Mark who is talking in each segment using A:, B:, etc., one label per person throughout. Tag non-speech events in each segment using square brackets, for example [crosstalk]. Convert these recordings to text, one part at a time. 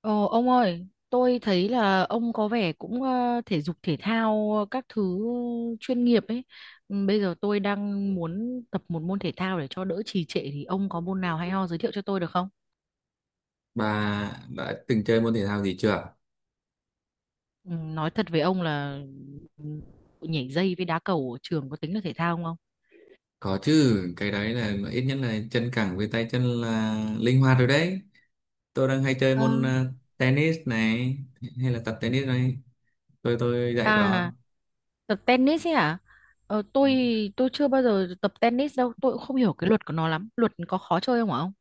A: Ờ, ông ơi, tôi thấy là ông có vẻ cũng thể dục thể thao các thứ chuyên nghiệp ấy. Bây giờ tôi đang muốn tập một môn thể thao để cho đỡ trì trệ thì ông có môn nào hay ho giới thiệu cho tôi được không?
B: Bà đã từng chơi môn thể thao gì chưa?
A: Ừ. Nói thật với ông là ừ, nhảy dây với đá cầu ở trường có tính là thể thao không ông?
B: Có chứ, cái đấy là ít nhất là chân cẳng với tay chân là linh hoạt rồi đấy. Tôi đang hay chơi
A: Ờ.
B: môn tennis này hay là tập tennis này. Tôi dạy cho.
A: À, tập tennis ấy à? Ờ, tôi tôi chưa bao giờ tập tennis đâu, tôi cũng không hiểu cái luật của nó lắm. Luật có khó chơi không hả ông?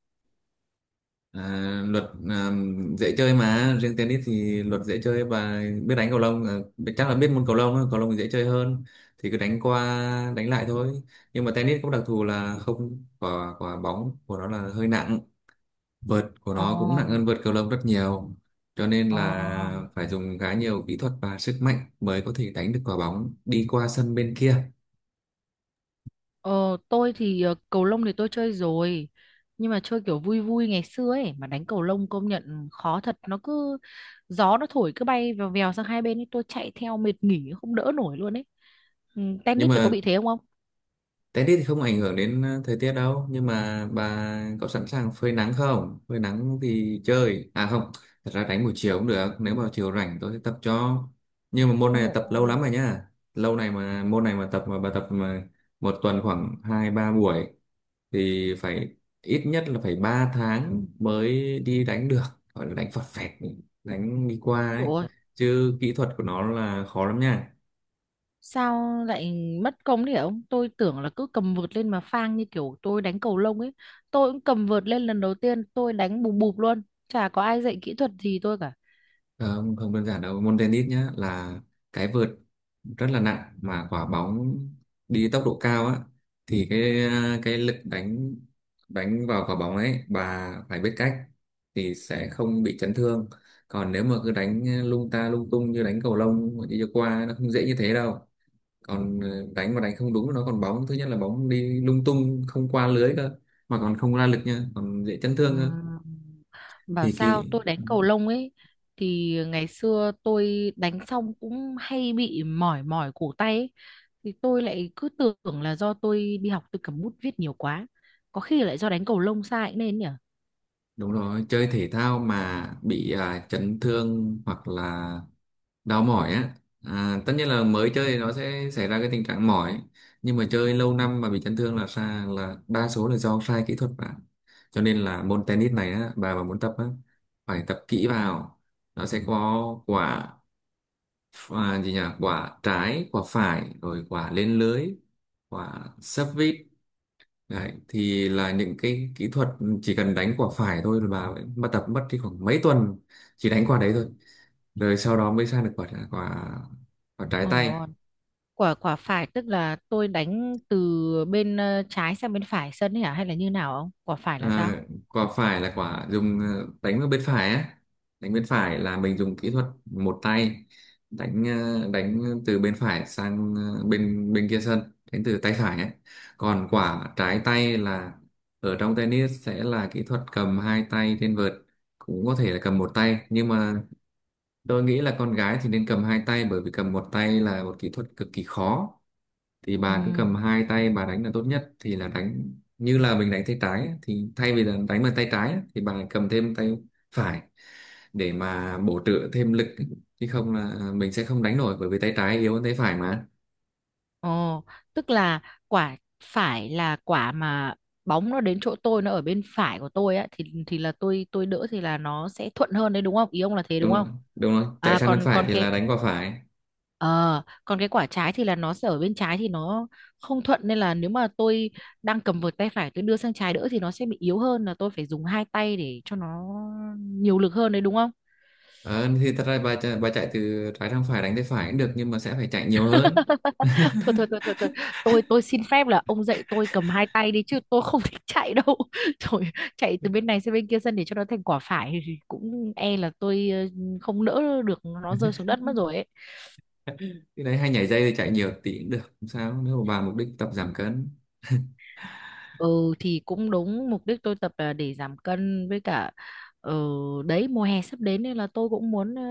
B: À, luật à, dễ chơi mà, riêng tennis thì luật dễ chơi và biết đánh cầu lông, chắc là biết môn cầu lông, á, cầu lông thì dễ chơi hơn. Thì cứ đánh qua đánh lại thôi. Nhưng mà tennis có đặc thù là không, quả quả bóng của nó là hơi nặng, vợt của
A: Ồ,
B: nó cũng nặng hơn vợt cầu lông rất nhiều, cho nên
A: ồ.
B: là phải dùng khá nhiều kỹ thuật và sức mạnh mới có thể đánh được quả bóng đi qua sân bên kia.
A: Ờ, tôi thì cầu lông thì tôi chơi rồi, nhưng mà chơi kiểu vui vui ngày xưa ấy mà, đánh cầu lông công nhận khó thật, nó cứ gió nó thổi cứ bay vèo vèo sang hai bên ấy, tôi chạy theo mệt nghỉ không đỡ nổi luôn ấy. Ừ,
B: Nhưng
A: tennis thì có
B: mà
A: bị thế không ông?
B: tennis thì không ảnh hưởng đến thời tiết đâu, nhưng mà bà có sẵn sàng phơi nắng không? Phơi nắng thì chơi à, không, thật ra đánh buổi chiều cũng được, nếu mà chiều rảnh tôi sẽ tập cho. Nhưng mà môn
A: Ồ,
B: này tập
A: ồ.
B: lâu lắm rồi nhá, lâu này mà môn này mà tập mà bà tập mà một tuần khoảng 2-3 buổi thì phải, ít nhất là phải 3 tháng mới đi đánh được, gọi là đánh phọt phẹt đánh đi qua ấy,
A: Ủa,
B: chứ kỹ thuật của nó là khó lắm nha.
A: sao lại mất công đấy hả ông? Tôi tưởng là cứ cầm vợt lên mà phang như kiểu tôi đánh cầu lông ấy. Tôi cũng cầm vợt lên lần đầu tiên tôi đánh bùm bụp luôn, chả có ai dạy kỹ thuật gì tôi cả.
B: Ờ, không, không đơn giản đâu môn tennis nhá, là cái vợt rất là nặng mà quả bóng đi tốc độ cao á, thì cái lực đánh đánh vào quả bóng ấy bà phải biết cách thì sẽ không bị chấn thương. Còn nếu mà cứ đánh lung ta lung tung như đánh cầu lông mà đi cho qua, nó không dễ như thế đâu. Còn đánh mà đánh không đúng, nó còn bóng, thứ nhất là bóng đi lung tung không qua lưới cơ, mà còn không ra lực nha, còn dễ chấn thương cơ.
A: Ừm, Bảo
B: Thì
A: sao
B: kỹ.
A: tôi đánh cầu lông ấy, thì ngày xưa tôi đánh xong cũng hay bị mỏi mỏi cổ tay ấy. Thì tôi lại cứ tưởng là do tôi đi học tôi cầm bút viết nhiều quá. Có khi lại do đánh cầu lông sai cũng nên nhỉ.
B: Đúng rồi, chơi thể thao mà bị chấn thương hoặc là đau mỏi á, tất nhiên là mới chơi thì nó sẽ xảy ra cái tình trạng mỏi, nhưng mà chơi lâu năm mà bị chấn thương là xa, là đa số là do sai kỹ thuật bạn. Cho nên là môn tennis này á, bà mà muốn tập á, phải tập kỹ vào. Nó sẽ có quả, gì nhỉ, quả trái, quả phải, rồi quả lên lưới, quả sấp vít. Đấy, thì là những cái kỹ thuật. Chỉ cần đánh quả phải thôi là bà tập mất đi khoảng mấy tuần, chỉ đánh quả đấy thôi, rồi sau đó mới sang được quả quả quả trái
A: Ôi dồi ôi,
B: tay.
A: quả quả phải tức là tôi đánh từ bên trái sang bên phải sân ấy hả, hay là như nào không? Quả phải là
B: À,
A: sao?
B: quả phải là quả dùng đánh vào bên phải á. Đánh bên phải là mình dùng kỹ thuật một tay, đánh từ bên phải sang ờ, bên bên kia sân, đánh từ tay phải ấy. Còn quả trái tay là ở trong tennis sẽ là kỹ thuật cầm hai tay trên vợt, cũng có thể là cầm một tay, nhưng mà tôi nghĩ là con gái thì nên cầm hai tay bởi vì cầm một tay là một kỹ thuật cực kỳ khó. Thì bà cứ
A: Ừ.
B: cầm hai tay bà đánh là tốt nhất, thì là đánh như là mình đánh tay trái ấy, thì thay vì là đánh bằng tay trái ấy, thì bà cầm thêm tay phải để mà bổ trợ thêm lực, chứ không là mình sẽ không đánh nổi bởi vì tay trái yếu hơn tay phải mà.
A: Ồ, tức là quả phải là quả mà bóng nó đến chỗ tôi nó ở bên phải của tôi á, thì thì là tôi đỡ thì là nó sẽ thuận hơn đấy đúng không? Ý ông là thế đúng
B: Đúng rồi,
A: không?
B: đúng rồi. Chạy
A: À,
B: sang bên
A: còn
B: phải
A: còn
B: thì là
A: cái
B: đánh qua phải.
A: ờ còn cái quả trái thì là nó sẽ ở bên trái thì nó không thuận, nên là nếu mà tôi đang cầm vợt tay phải, tôi đưa sang trái đỡ thì nó sẽ bị yếu hơn, là tôi phải dùng hai tay để cho nó nhiều lực hơn đấy đúng không?
B: Ờ, thì thật ra bà chạy từ trái sang phải đánh tay phải cũng được, nhưng mà sẽ phải chạy nhiều hơn.
A: Thôi thôi thôi thôi thôi,
B: [laughs]
A: tôi xin phép là ông dạy tôi cầm hai tay đi chứ tôi không [laughs] thích chạy đâu [laughs] trời. Chạy từ bên này sang bên kia sân để cho nó thành quả phải thì cũng e là tôi không đỡ được, nó rơi xuống đất mất rồi ấy.
B: Cái đấy hay nhảy dây thì chạy nhiều tí cũng được, không sao, nếu mà bà mục đích tập giảm cân. [laughs]
A: Ừ thì cũng đúng, mục đích tôi tập là để giảm cân, với cả ờ, đấy, mùa hè sắp đến nên là tôi cũng muốn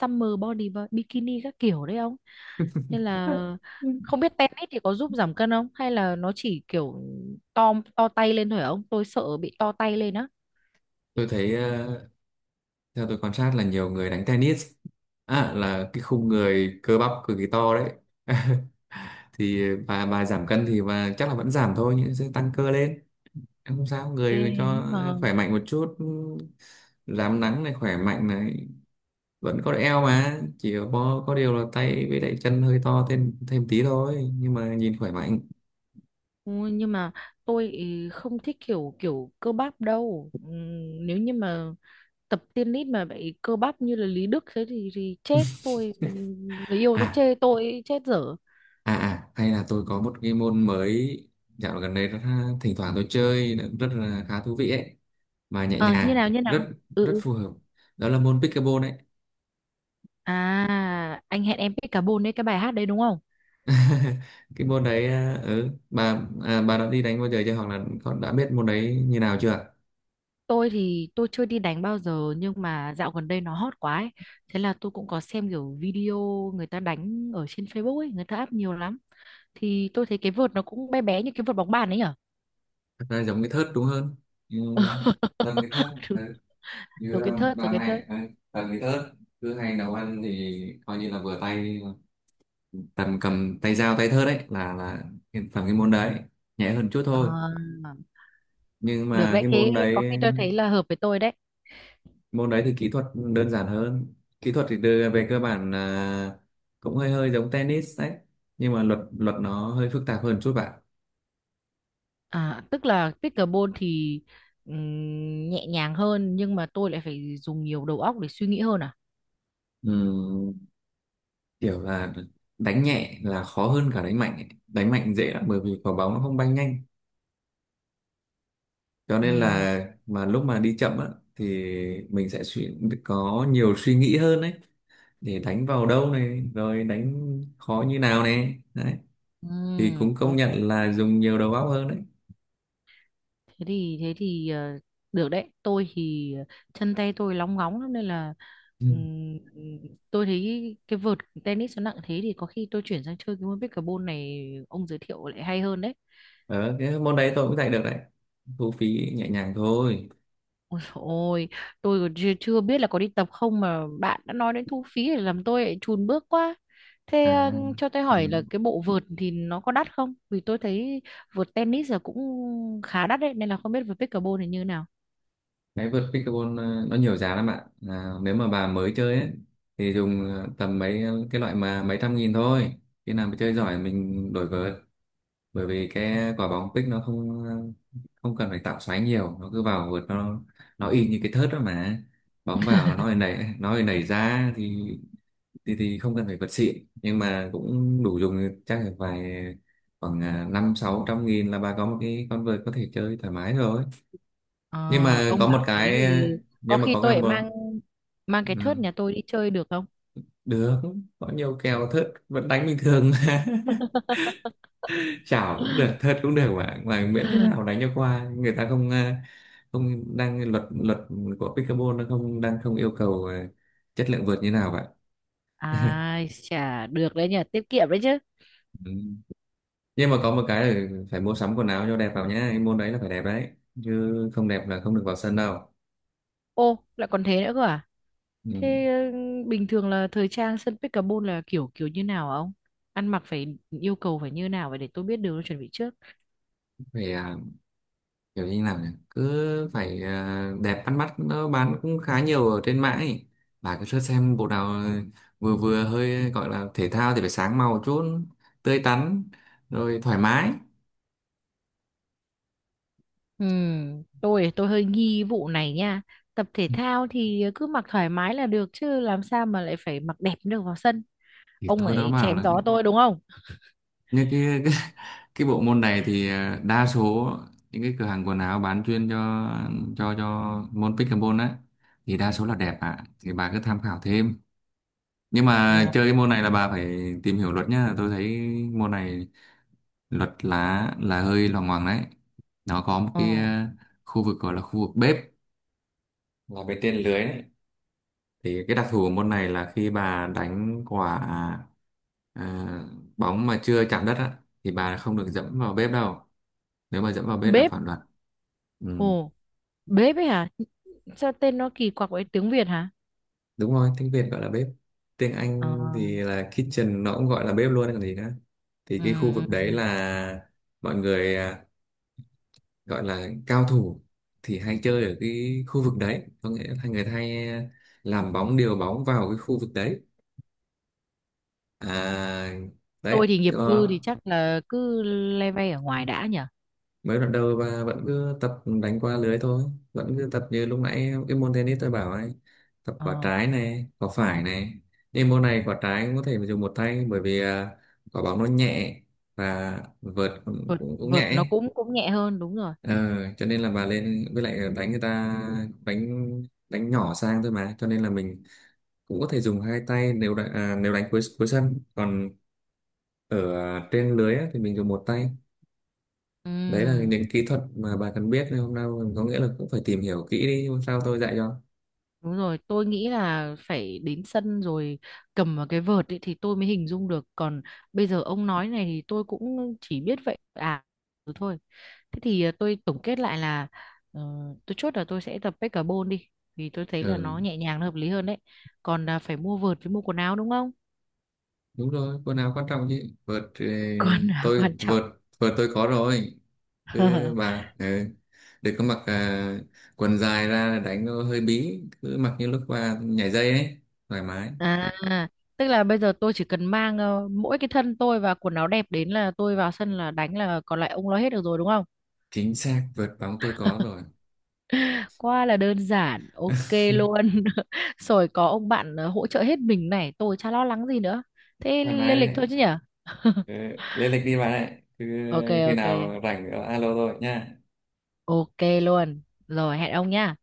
A: summer body bikini các kiểu đấy ông, nên là không biết tennis thì có giúp giảm cân không, hay là nó chỉ kiểu to tay lên thôi hả ông? Tôi sợ bị to tay lên á.
B: Tôi thấy, theo tôi quan sát là nhiều người đánh tennis là cái khung người cơ bắp cực kỳ to đấy. [laughs] Thì bà giảm cân thì bà chắc là vẫn giảm thôi, nhưng sẽ tăng cơ lên. Em không sao,
A: Ê,
B: người cho
A: nhưng mà
B: khỏe mạnh một chút, rám nắng này, khỏe mạnh này, vẫn có eo mà, chỉ có điều là tay với lại chân hơi to thêm thêm tí thôi, nhưng mà nhìn khỏe mạnh.
A: ôi, nhưng mà tôi ý không thích kiểu kiểu cơ bắp đâu. Nếu như mà tập tennis mà bị cơ bắp như là Lý Đức thế thì chết tôi. Người yêu tôi
B: à
A: chê tôi chết dở.
B: Hay là tôi có một cái môn mới, dạo gần đây rất thỉnh thoảng tôi chơi, rất là khá thú vị ấy, mà nhẹ
A: À, như
B: nhàng,
A: nào như nào
B: rất
A: Ừ,
B: rất
A: ừ.
B: phù hợp, đó là môn pickleball đấy.
A: À, anh hẹn em pick carbon đấy, cái bài hát đấy đúng không?
B: [laughs] Cái môn đấy ừ, bà đã đi đánh bao giờ chưa, hoặc là con đã biết môn đấy như nào chưa?
A: Tôi thì tôi chưa đi đánh bao giờ, nhưng mà dạo gần đây nó hot quá ấy. Thế là tôi cũng có xem kiểu video người ta đánh ở trên Facebook ấy, người ta up nhiều lắm. Thì tôi thấy cái vợt nó cũng bé bé như cái vợt bóng bàn ấy nhở.
B: Thật ra giống cái thớt đúng hơn. Ừ, tầm cái thớt.
A: [laughs] Đúng,
B: Ừ. Như
A: giống kiến
B: là
A: thức rồi
B: bà
A: kiến thức
B: này. Ừ. Tầm cái thớt, cứ hay nấu ăn thì coi như là vừa tay, tầm cầm tay dao tay thớt đấy, là tầm cái môn đấy, nhẹ hơn chút
A: Ờ,
B: thôi. Nhưng
A: được
B: mà
A: đấy,
B: cái
A: thế
B: môn
A: có khi
B: đấy
A: tôi thấy là hợp với tôi đấy.
B: môn đấy thì kỹ thuật đơn giản hơn, kỹ thuật thì đưa về cơ bản là cũng hơi hơi giống tennis đấy, nhưng mà luật luật nó hơi phức tạp hơn chút bạn.
A: À, tức là pickleball thì nhẹ nhàng hơn nhưng mà tôi lại phải dùng nhiều đầu óc để suy nghĩ hơn à?
B: Ừm, kiểu là đánh nhẹ là khó hơn cả đánh mạnh ấy. Đánh mạnh dễ lắm bởi vì quả bóng nó không bay nhanh, cho nên
A: Ừm,
B: là mà lúc mà đi chậm á, thì mình sẽ có nhiều suy nghĩ hơn đấy, để đánh vào đâu này, rồi đánh khó như nào này đấy, thì cũng công
A: ồ,
B: nhận là dùng nhiều đầu óc hơn đấy.
A: thế thì được đấy. Tôi thì chân tay tôi lóng ngóng lắm nên là ừm, tôi thấy cái vợt tennis nó nặng thế, thì có khi tôi chuyển sang chơi cái môn pickleball này ông giới thiệu lại hay hơn đấy.
B: Ờ, cái môn đấy tôi cũng dạy được đấy. Thu phí nhẹ nhàng thôi.
A: Ôi dồi ôi, tôi còn chưa, chưa biết là có đi tập không mà bạn đã nói đến thu phí để làm tôi lại chùn bước quá. Thế
B: À,
A: cho tôi
B: ừ.
A: hỏi là cái bộ vợt thì nó có đắt không? Vì tôi thấy vợt tennis là cũng khá đắt đấy, nên là không biết vợt pickleball thì như nào.
B: Cái vợt pickleball nó nhiều giá lắm bạn. À, nếu mà bà mới chơi ấy, thì dùng tầm mấy, cái loại mà mấy trăm nghìn thôi. Khi nào mà chơi giỏi mình đổi vợt. Bởi vì cái quả bóng pick nó không cần phải tạo xoáy nhiều. Nó cứ vào vợt, nó y như cái thớt đó mà. Bóng vào nó lại nảy, nó lại nảy ra thì không cần phải vật xịn, nhưng mà cũng đủ dùng, chắc là vài khoảng, năm sáu trăm nghìn là bà có một cái con vợt có thể chơi thoải mái rồi.
A: Ờ,
B: Nhưng mà
A: ông
B: có một
A: bảo thế
B: cái,
A: thì có
B: nhưng mà
A: khi
B: có cái
A: tôi lại
B: một,
A: mang mang cái thớt
B: ừ,
A: nhà tôi đi chơi được không?
B: được. Có nhiều kèo thớt vẫn đánh bình thường mà. [laughs] Chảo cũng được,
A: [laughs]
B: thớt cũng được, mà miễn thế nào đánh cho qua người ta không, không đang luật luật của pickleball nó không đang không yêu cầu, chất lượng vợt như nào vậy.
A: Ai chả được đấy nhỉ, tiết kiệm đấy chứ.
B: Ừ. Nhưng mà có một cái là phải mua sắm quần áo cho đẹp vào nhá, cái môn đấy là phải đẹp đấy, chứ không đẹp là không được vào sân đâu.
A: Ô, lại còn thế nữa cơ à?
B: Ừ.
A: Thế ừ, bình thường là thời trang sân Pet Carbon là kiểu kiểu như nào hả ông? Ăn mặc phải yêu cầu phải như nào vậy để tôi biết đường tôi chuẩn bị trước.
B: Phải, kiểu như nào nhỉ, cứ phải, đẹp bắt mắt, nó bán cũng khá nhiều ở trên mạng ấy, bà cứ search xem bộ nào vừa vừa hơi gọi là thể thao thì phải sáng màu chút, tươi tắn, rồi thoải mái.
A: Tôi hơi nghi vụ này nha. Tập thể thao thì cứ mặc thoải mái là được chứ làm sao mà lại phải mặc đẹp được vào sân.
B: Thì
A: Ông
B: tôi nó
A: ấy
B: bảo
A: chém
B: là
A: gió tôi đúng không?
B: như cái [laughs] cái bộ môn này thì đa số những cái cửa hàng quần áo bán chuyên cho cho môn pickleball á, thì đa số là đẹp ạ, thì bà cứ tham khảo thêm. Nhưng mà
A: Rồi.
B: chơi cái môn này là bà phải tìm hiểu luật nhá, tôi thấy môn này luật lá là hơi loằng ngoằng đấy. Nó có một cái,
A: Ờ.
B: khu vực gọi là khu vực bếp, là bên trên lưới đấy. Thì cái đặc thù của môn này là khi bà đánh quả, ờ, bóng mà chưa chạm đất á, thì bà không được dẫm vào bếp đâu, nếu mà dẫm vào bếp là
A: Bếp.
B: phản luật. Ừ.
A: Ồ, bếp ấy hả? Sao tên nó kỳ quặc vậy tiếng Việt hả?
B: Đúng rồi, tiếng Việt gọi là bếp, tiếng
A: Ờ.
B: Anh thì là kitchen, nó cũng gọi là bếp luôn còn gì nữa. Thì
A: Ừ,
B: cái khu
A: ừ,
B: vực
A: ừ.
B: đấy là mọi người, gọi là cao thủ thì hay chơi ở cái khu vực đấy, có nghĩa là người ta hay, làm bóng điều bóng vào cái khu vực đấy, à
A: Tôi
B: đấy
A: thì nghiệp
B: cho.
A: dư thì chắc là cứ le ve ở ngoài đã nhỉ?
B: Mới đoạn đầu và vẫn cứ tập đánh qua lưới thôi, vẫn cứ tập như lúc nãy cái môn tennis tôi bảo ấy, tập quả
A: Ờ.
B: trái này quả phải này. Nhưng môn này quả trái cũng có thể dùng một tay bởi vì, quả bóng nó nhẹ và vợt cũng,
A: vợt
B: cũng, cũng nhẹ
A: vợt
B: ấy.
A: nó cũng cũng nhẹ hơn, đúng rồi.
B: Ờ, cho nên là bà lên với lại đánh, người ta đánh đánh nhỏ sang thôi mà, cho nên là mình cũng có thể dùng hai tay nếu đánh, à, nếu đánh cuối cuối sân, còn ở trên lưới á, thì mình dùng một tay. Đấy là
A: Ừm,
B: những kỹ thuật mà bà cần biết nên hôm nay, có nghĩa là cũng phải tìm hiểu kỹ đi, hôm sau tôi dạy cho.
A: đúng rồi, tôi nghĩ là phải đến sân rồi cầm vào cái vợt ấy thì tôi mới hình dung được, còn bây giờ ông nói này thì tôi cũng chỉ biết vậy à. Thế thì à, tôi tổng kết lại là ờ, tôi chốt là tôi sẽ tập pickleball đi, vì tôi thấy là nó
B: Ừ,
A: nhẹ nhàng, nó hợp lý hơn đấy. Còn à, phải mua vợt với mua quần áo đúng không?
B: đúng rồi quần áo quan trọng chứ vợt,
A: [laughs] Quần là
B: tôi
A: quan trọng.
B: vợt vợt tôi có rồi. Cứ
A: [laughs]
B: bà, ừ, đừng có mặc, quần dài ra là đánh nó hơi bí, cứ mặc như lúc bà nhảy dây ấy, thoải mái.
A: À, tức là bây giờ tôi chỉ cần mang mỗi cái thân tôi và quần áo đẹp đến là tôi vào sân là đánh, là còn lại ông lo hết được rồi đúng không?
B: Chính xác vợt bóng tôi có rồi.
A: Quá là đơn giản, ok
B: [laughs]
A: luôn. [laughs] Rồi có ông bạn hỗ trợ hết mình này, tôi chả lo lắng gì nữa. Thế
B: Thoải mái
A: lên lịch
B: đấy.
A: thôi chứ nhở? [laughs]
B: Ừ, lên lịch đi bà đấy, cứ
A: Ok,
B: khi
A: ok,
B: nào rảnh alo tôi nha.
A: ok luôn. Rồi hẹn ông nhá.